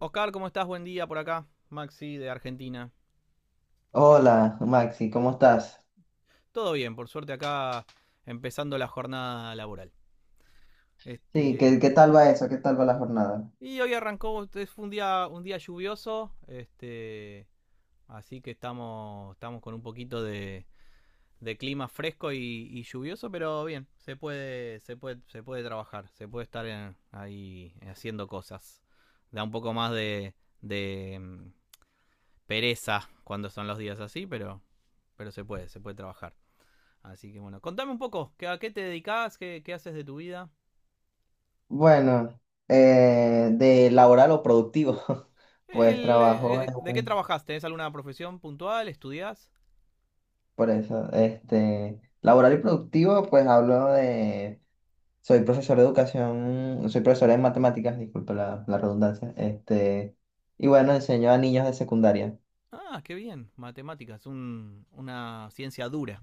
Oscar, ¿cómo estás? Buen día por acá. Maxi de Argentina. Hola, Maxi, ¿cómo estás? Todo bien, por suerte acá empezando la jornada laboral. Sí, Este, ¿qué tal va eso? ¿Qué tal va la jornada? Hoy arrancó, fue un día lluvioso, así que estamos, estamos con un poquito de clima fresco y lluvioso, pero bien, se puede, se puede, se puede trabajar, se puede estar ahí haciendo cosas. Da un poco más de, de mm, pereza cuando son los días así, pero se puede trabajar. Así que bueno, contame un poco, ¿a qué te dedicas? ¿Qué haces de tu vida? Bueno, de laboral o productivo, pues trabajo en ¿De qué trabajas? ¿Tenés alguna profesión puntual? ¿Estudiás? Este, laboral y productivo, pues hablo de, soy profesor de educación, soy profesor de matemáticas, disculpa la redundancia, este, y bueno, enseño a niños de secundaria. Ah, qué bien. Matemáticas, una ciencia dura.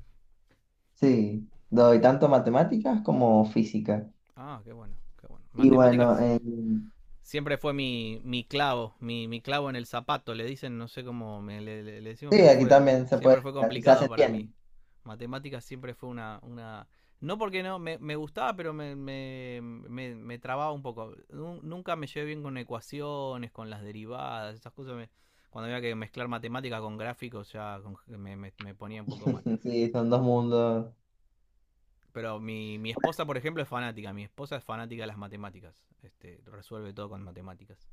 Sí, doy tanto matemáticas como física. Ah, qué bueno, qué bueno. Y bueno, Matemáticas siempre fue mi clavo, mi clavo en el zapato, le dicen, no sé cómo decimos, sí, pero aquí fue también se puede, siempre fue así se complicado hace. para mí. Matemáticas siempre fue una. No porque no, me gustaba, pero me me trababa un poco. Nunca me llevé bien con ecuaciones, con las derivadas, esas cosas. Cuando había que mezclar matemáticas con gráficos ya me me ponía un poco mal. Sí, son dos mundos. Pero mi esposa, por ejemplo, es fanática. Mi esposa es fanática de las matemáticas. Resuelve todo con matemáticas.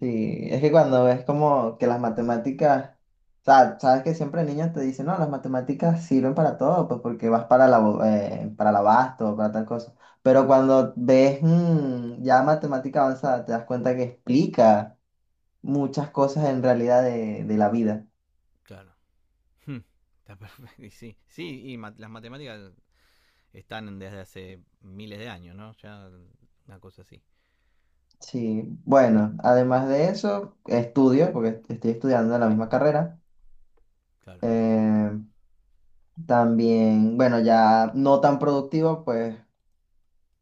Sí, es que cuando ves como que las matemáticas, o sea, sabes que siempre niños te dicen, no, las matemáticas sirven para todo, pues porque vas para para el abasto, para tal cosa. Pero cuando ves ya matemática avanzada, te das cuenta que explica muchas cosas en realidad de la vida. Claro. Hmm, está perfecto. Y sí, sí, las matemáticas están desde hace miles de años, ¿no? Ya una cosa así, Sí, bueno, además de eso, estudio, porque estoy estudiando la misma carrera. claro. Eh, también, bueno, ya no tan productivo, pues.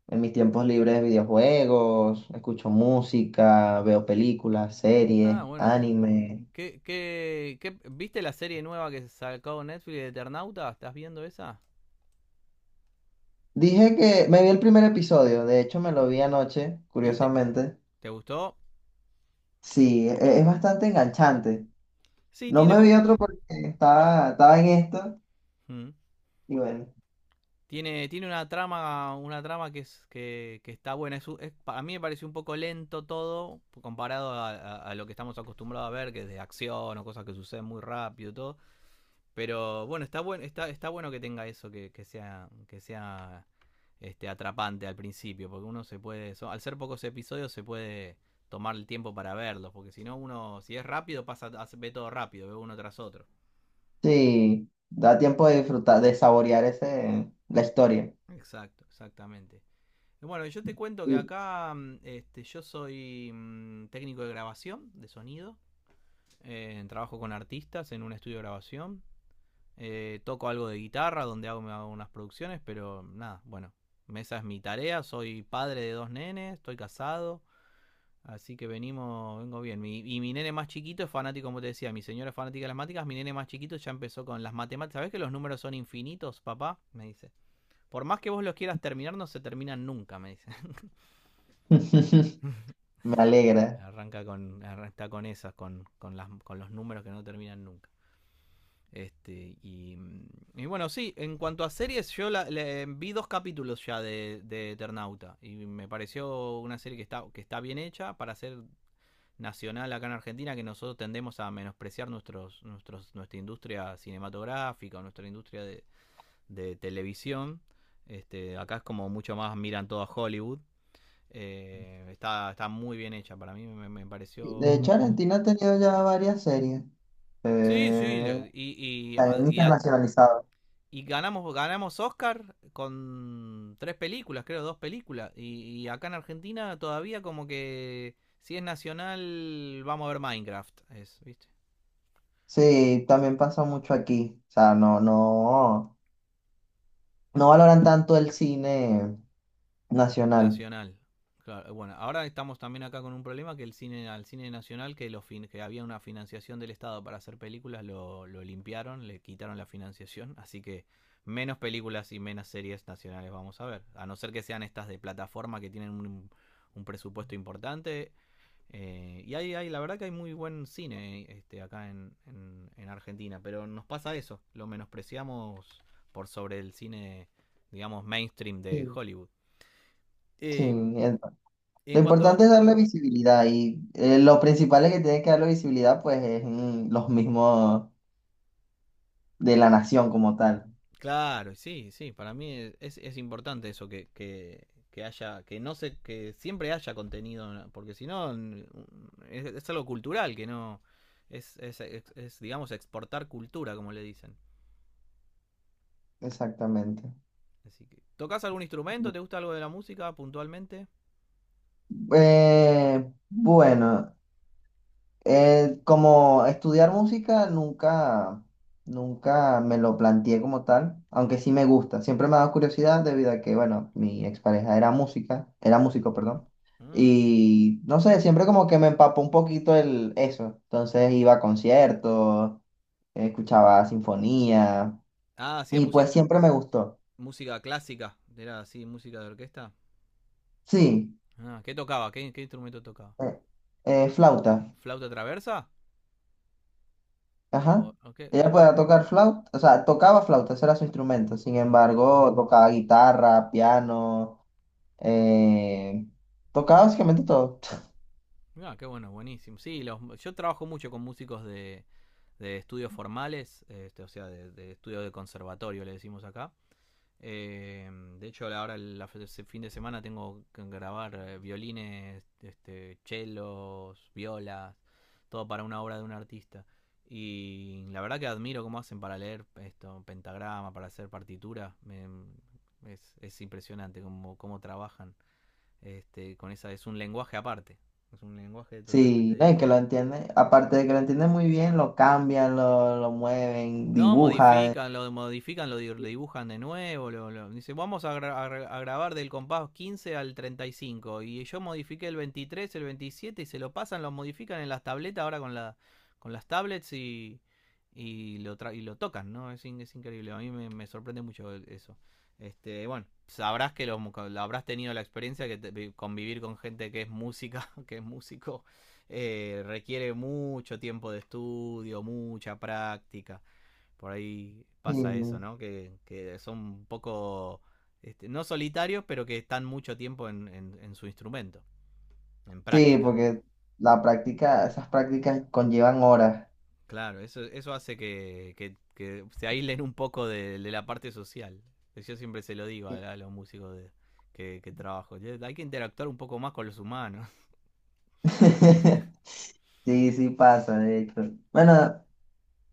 En mis tiempos libres, videojuegos, escucho música, veo películas, Ah, series, bueno, anime. ¿Viste la serie nueva que sacó Netflix de Eternauta? ¿Estás viendo esa? Dije que me vi el primer episodio, de hecho me lo ¿Y, vi anoche, y te, curiosamente. te gustó? Sí, es bastante enganchante. Sí, No me vi otro porque estaba en esto hmm, y bueno, tiene tiene una trama que es que está buena. Es, a mí me pareció un poco lento todo comparado a, a lo que estamos acostumbrados a ver, que es de acción o cosas que suceden muy rápido y todo. Pero bueno, está, está bueno que tenga eso, que sea atrapante al principio, porque uno se puede, al ser pocos episodios se puede tomar el tiempo para verlos, porque si no uno, si es rápido, pasa, ve todo rápido, ve uno tras otro. sí, da tiempo de disfrutar, de saborear ese, la historia. Exacto, exactamente. Y bueno, yo te cuento que Sí. acá yo soy técnico de grabación, de sonido. Trabajo con artistas en un estudio de grabación. Toco algo de guitarra, donde hago, me hago unas producciones, pero nada, bueno, esa es mi tarea. Soy padre de dos nenes, estoy casado, así que venimos, vengo bien. Y mi nene más chiquito es fanático, como te decía, mi señora es fanática de las matemáticas, mi nene más chiquito ya empezó con las matemáticas. ¿Sabes que los números son infinitos, papá? Me dice. Por más que vos los quieras terminar, no se terminan nunca, me dice. Me alegra. Arranca con, está con esas, con los números que no terminan nunca. Este, y, mm, y bueno, sí, en cuanto a series, yo vi dos capítulos ya de Eternauta y me pareció una serie que está bien hecha para ser nacional acá en Argentina, que nosotros tendemos a menospreciar nuestra industria cinematográfica o nuestra industria de televisión. Acá es como mucho más miran todo a Hollywood. Está, está muy bien hecha para mí, me De pareció... hecho, Argentina ha tenido ya varias series. Sí, sí, Eh, y, y, también y internacionalizado. y ganamos, ganamos Oscar con tres películas, creo, dos películas. Y acá en Argentina todavía como que si es nacional, vamos a ver Minecraft. Es, ¿viste? Sí, también pasa mucho aquí. O sea, no, no valoran tanto el cine nacional. Nacional. Claro, bueno, ahora estamos también acá con un problema que el cine, al cine nacional, que, que había una financiación del Estado para hacer películas, lo limpiaron, le quitaron la financiación, así que menos películas y menos series nacionales vamos a ver. A no ser que sean estas de plataforma que tienen un presupuesto importante. Y hay, hay, la verdad que hay muy buen cine acá en Argentina, pero nos pasa eso, lo menospreciamos por sobre el cine, digamos, mainstream de Sí. Hollywood. Sí, Eh, el- lo en cuanto, importante es darle visibilidad y lo principal es que tiene que darle visibilidad, pues es los mismos de la nación como tal. claro, sí, sí, para mí es importante eso que, haya, que no se, que siempre haya contenido, porque si no, es, algo cultural, que no, es, digamos, exportar cultura, como le dicen. Exactamente. Así que, ¿tocas algún instrumento? Bu- ¿Te gusta algo de la música puntualmente? Bueno, como estudiar música nunca me lo planteé como tal, aunque ¿Mm? sí me gusta. Siempre me ha dado curiosidad debido a que, bueno, mi expareja era música, era músico, perdón. Ah. Y no sé, siempre como que me empapó un poquito el eso. Entonces iba a conciertos, escuchaba sinfonía Ah, y pues siempre me gustó. música clásica. Era así, música de orquesta. Sí, Ah, ¿qué tocaba? ¿Qué instrumento tocaba? eh, flauta. ¿Flauta traversa? Ajá. O qué, qué Ella bueno. podía tocar flauta, o sea, tocaba flauta, ese era su instrumento. Sin embargo, tocaba guitarra, piano, eh, tocaba básicamente todo. Ah, qué bueno, buenísimo. Sí, los, yo trabajo mucho con músicos de estudios formales, o sea, de estudios de conservatorio, le decimos acá. Eh, de hecho, ahora fin de semana tengo que grabar violines, chelos, violas, todo para una obra de un artista. Y la verdad que admiro cómo hacen para leer esto, pentagrama, para hacer partitura. Es impresionante cómo, cómo trabajan con esa. Es un lenguaje aparte, es un lenguaje totalmente Sí, no, y que lo distinto. entiende. Aparte de que lo entiende muy bien, lo cambian, lo mueven, No, dibujan. Modifican, lo dibujan de nuevo. Dice, vamos a, grabar del compás 15 al 35 y yo modifiqué el 23 el 27 y se lo pasan, lo modifican en las tabletas ahora con, la, con las tablets y, y lo tocan, ¿no? Es, es increíble. A mí me, me sorprende mucho eso. Bueno, sabrás que lo, habrás tenido la experiencia que convivir con gente que es música, que es músico, requiere mucho tiempo de estudio, mucha práctica por ahí Sí, pasa eso, ¿no? Que son un poco, no solitarios, pero que están mucho tiempo en su instrumento, en sí, práctica. porque la práctica, esas prácticas conllevan horas. Claro, eso hace que se aíslen un poco de, la parte social. Yo siempre se lo digo Sí, a los músicos de, que, trabajo. Hay que interactuar un poco más con los humanos. sí, sí pasa, de hecho. Bueno,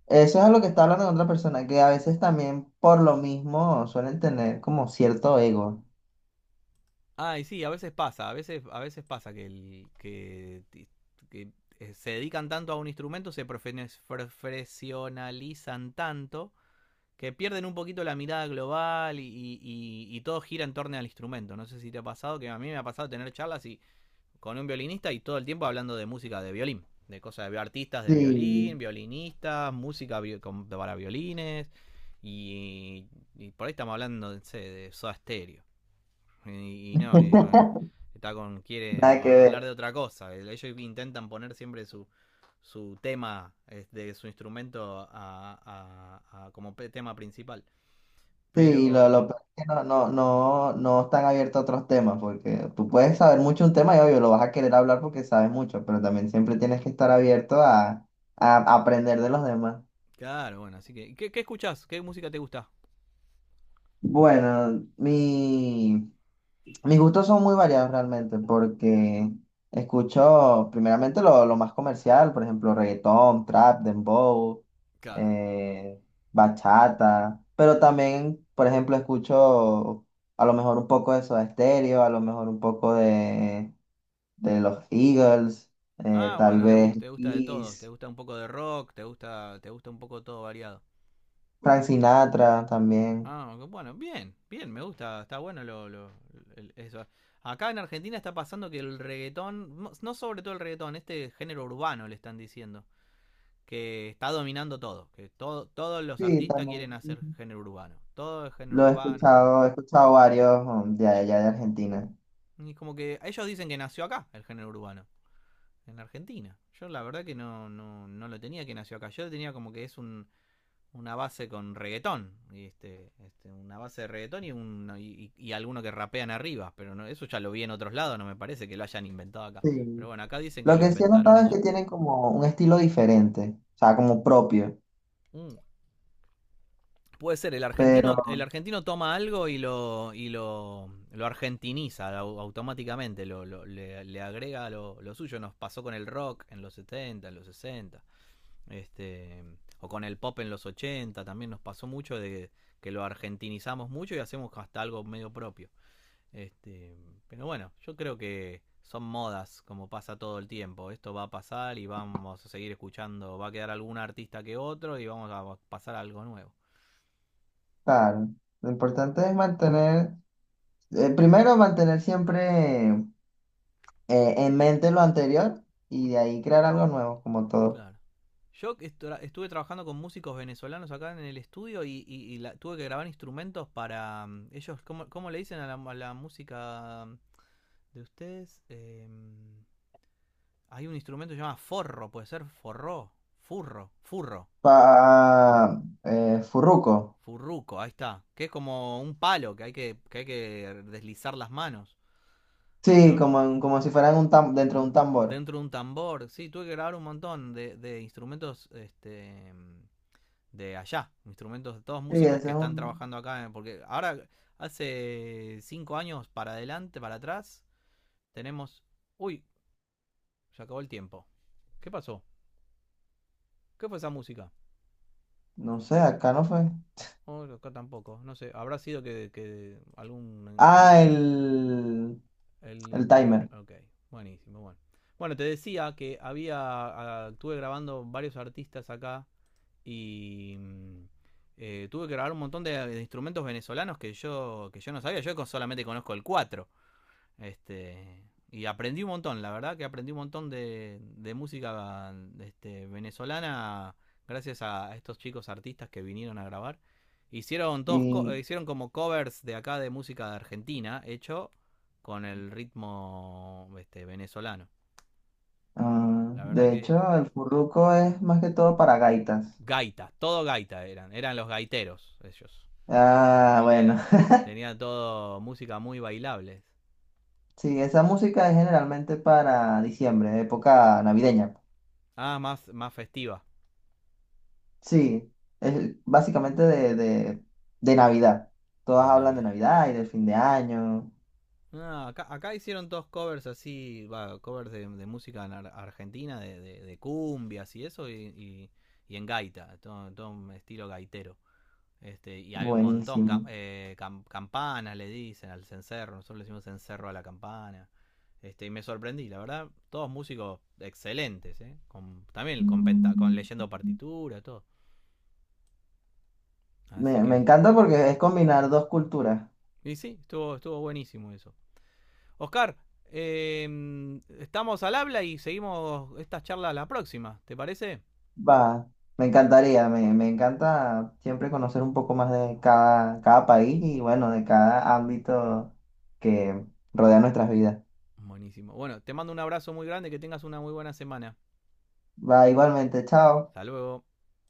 eso es a lo que está hablando con otra persona, que a veces también por lo mismo suelen tener como cierto ego. Ah, y sí, a veces pasa que, el, que se dedican tanto a un instrumento, se profesionalizan tanto que pierden un poquito la mirada global y, todo gira en torno al instrumento. No sé si te ha pasado, que a mí me ha pasado tener charlas y, con un violinista y todo el tiempo hablando de música de violín, de cosas de artistas de violín, Sí. violinistas, para violines. Y, y por ahí estamos hablando no sé, de Soda Stereo. Y no, y bueno, está con quiere Nada que hablar de ver. otra cosa. Ellos intentan poner siempre su, su tema de su instrumento como tema principal. Sí, Pero, lo peor es que no están abiertos a otros temas, porque tú puedes saber mucho un tema y obvio lo vas a querer hablar porque sabes mucho, pero también siempre tienes que estar abierto a aprender de los demás. claro, bueno, así que. ¿Qué escuchás? ¿Qué música te gusta? Bueno, mis gustos son muy variados realmente porque escucho primeramente lo más comercial, por ejemplo, reggaetón, trap, dembow, Claro. eh, bachata, pero también, por ejemplo, escucho a lo mejor un poco de Soda Stereo, a lo mejor un poco de los Eagles, Ah, tal bueno, vez te gusta de todo. Te Kiss, gusta un poco de rock, te gusta un poco todo variado. Frank Sinatra también. Ah, ok, bueno, bien, bien, me gusta, está bueno eso. Acá en Argentina está pasando que el reggaetón, no sobre todo el reggaetón, este género urbano le están diciendo, que está dominando todo, que todo, todos los Sí, artistas quieren también. hacer género urbano. Todo es género Lo urbano, género urbano. He escuchado varios de allá de Argentina. Y como que ellos dicen que nació acá el género urbano en Argentina. Yo la verdad que no, no, no lo tenía que nació acá. Yo lo tenía como que es un, una base con reggaetón. Una base de reggaetón y, un, no, y alguno que rapean arriba. Pero no, eso ya lo vi en otros lados, no me parece que lo hayan inventado acá. Pero Sí. bueno, acá dicen que Lo lo que sí he inventaron notado es que ellos. tienen como un estilo diferente, o sea, como propio. Mm. Puede ser, Pero, el argentino toma algo y lo, lo argentiniza automáticamente, le agrega lo suyo. Nos pasó con el rock en los 70, en los 60. Este, o con el pop en los 80 también nos pasó mucho de que lo argentinizamos mucho y hacemos hasta algo medio propio. Este, pero bueno, yo creo que son modas, como pasa todo el tiempo. Esto va a pasar y vamos a seguir escuchando. Va a quedar algún artista que otro y vamos a pasar a algo nuevo. claro, lo importante es mantener, primero mantener siempre en mente lo anterior y de ahí crear algo nuevo, como todo. Claro. Yo estuve trabajando con músicos venezolanos acá en el estudio y la, tuve que grabar instrumentos para ellos. ¿Cómo le dicen a la música de ustedes? Hay un instrumento que se llama forro, puede ser forro, furro, furro, Furruco. furruco, ahí está. Que es como un palo que, hay que deslizar las manos, Sí, ¿no? como, como si fueran un dentro de Un- un tambor. dentro de un tambor. Sí, tuve que grabar un montón de instrumentos de allá. Instrumentos de todos Sí, músicos ese que es están un, trabajando acá. Porque ahora, hace 5 años para adelante, para atrás, tenemos... Uy, se acabó el tiempo. ¿Qué pasó? ¿Qué fue esa música? no sé, acá no fue. Oh, no, acá tampoco, no sé, habrá sido que algún, algún Ah, inter... el, El el inter... timer. Ok, buenísimo, bueno. Bueno, te decía que había, ah, estuve grabando varios artistas acá y tuve que grabar un montón de instrumentos venezolanos que yo no sabía, yo solamente conozco el 4 este, y aprendí un montón, la verdad que aprendí un montón de música venezolana gracias a estos chicos artistas que vinieron a grabar. Hicieron, Y, hicieron como covers de acá de música de Argentina, hecho con el ritmo venezolano. ah, La verdad de que hecho, el furruco es más que todo para gaitas. gaita, todo gaita eran, eran los gaiteros ellos. Ah, Así que bueno. era, tenía todo música muy bailable. Sí, esa música es generalmente para diciembre, época navideña. Ah, más, más festiva Sí, es básicamente de Navidad. Todas de hablan de Navidad. Navidad y del fin de año. No, no, acá, acá hicieron dos covers así, va, covers de, música ar- argentina, de cumbias y eso, y en gaita, todo, todo un estilo gaitero. Y había un montón, Buenísimo. Campanas le dicen al cencerro, nosotros le decimos cencerro a la campana. Y me sorprendí, la verdad, todos músicos excelentes, ¿eh? Con, también con, con Mm. leyendo partitura, todo. Así Me que, encanta porque es combinar dos culturas. y sí, estuvo, estuvo buenísimo eso. Oscar, estamos al habla y seguimos esta charla la próxima, ¿te parece? Va, me encantaría, me encanta siempre conocer un poco más de cada país y bueno, de cada ámbito que rodea nuestras vidas. Buenísimo. Bueno, te mando un abrazo muy grande, que tengas una muy buena semana. Va, igualmente, chao. Hasta luego.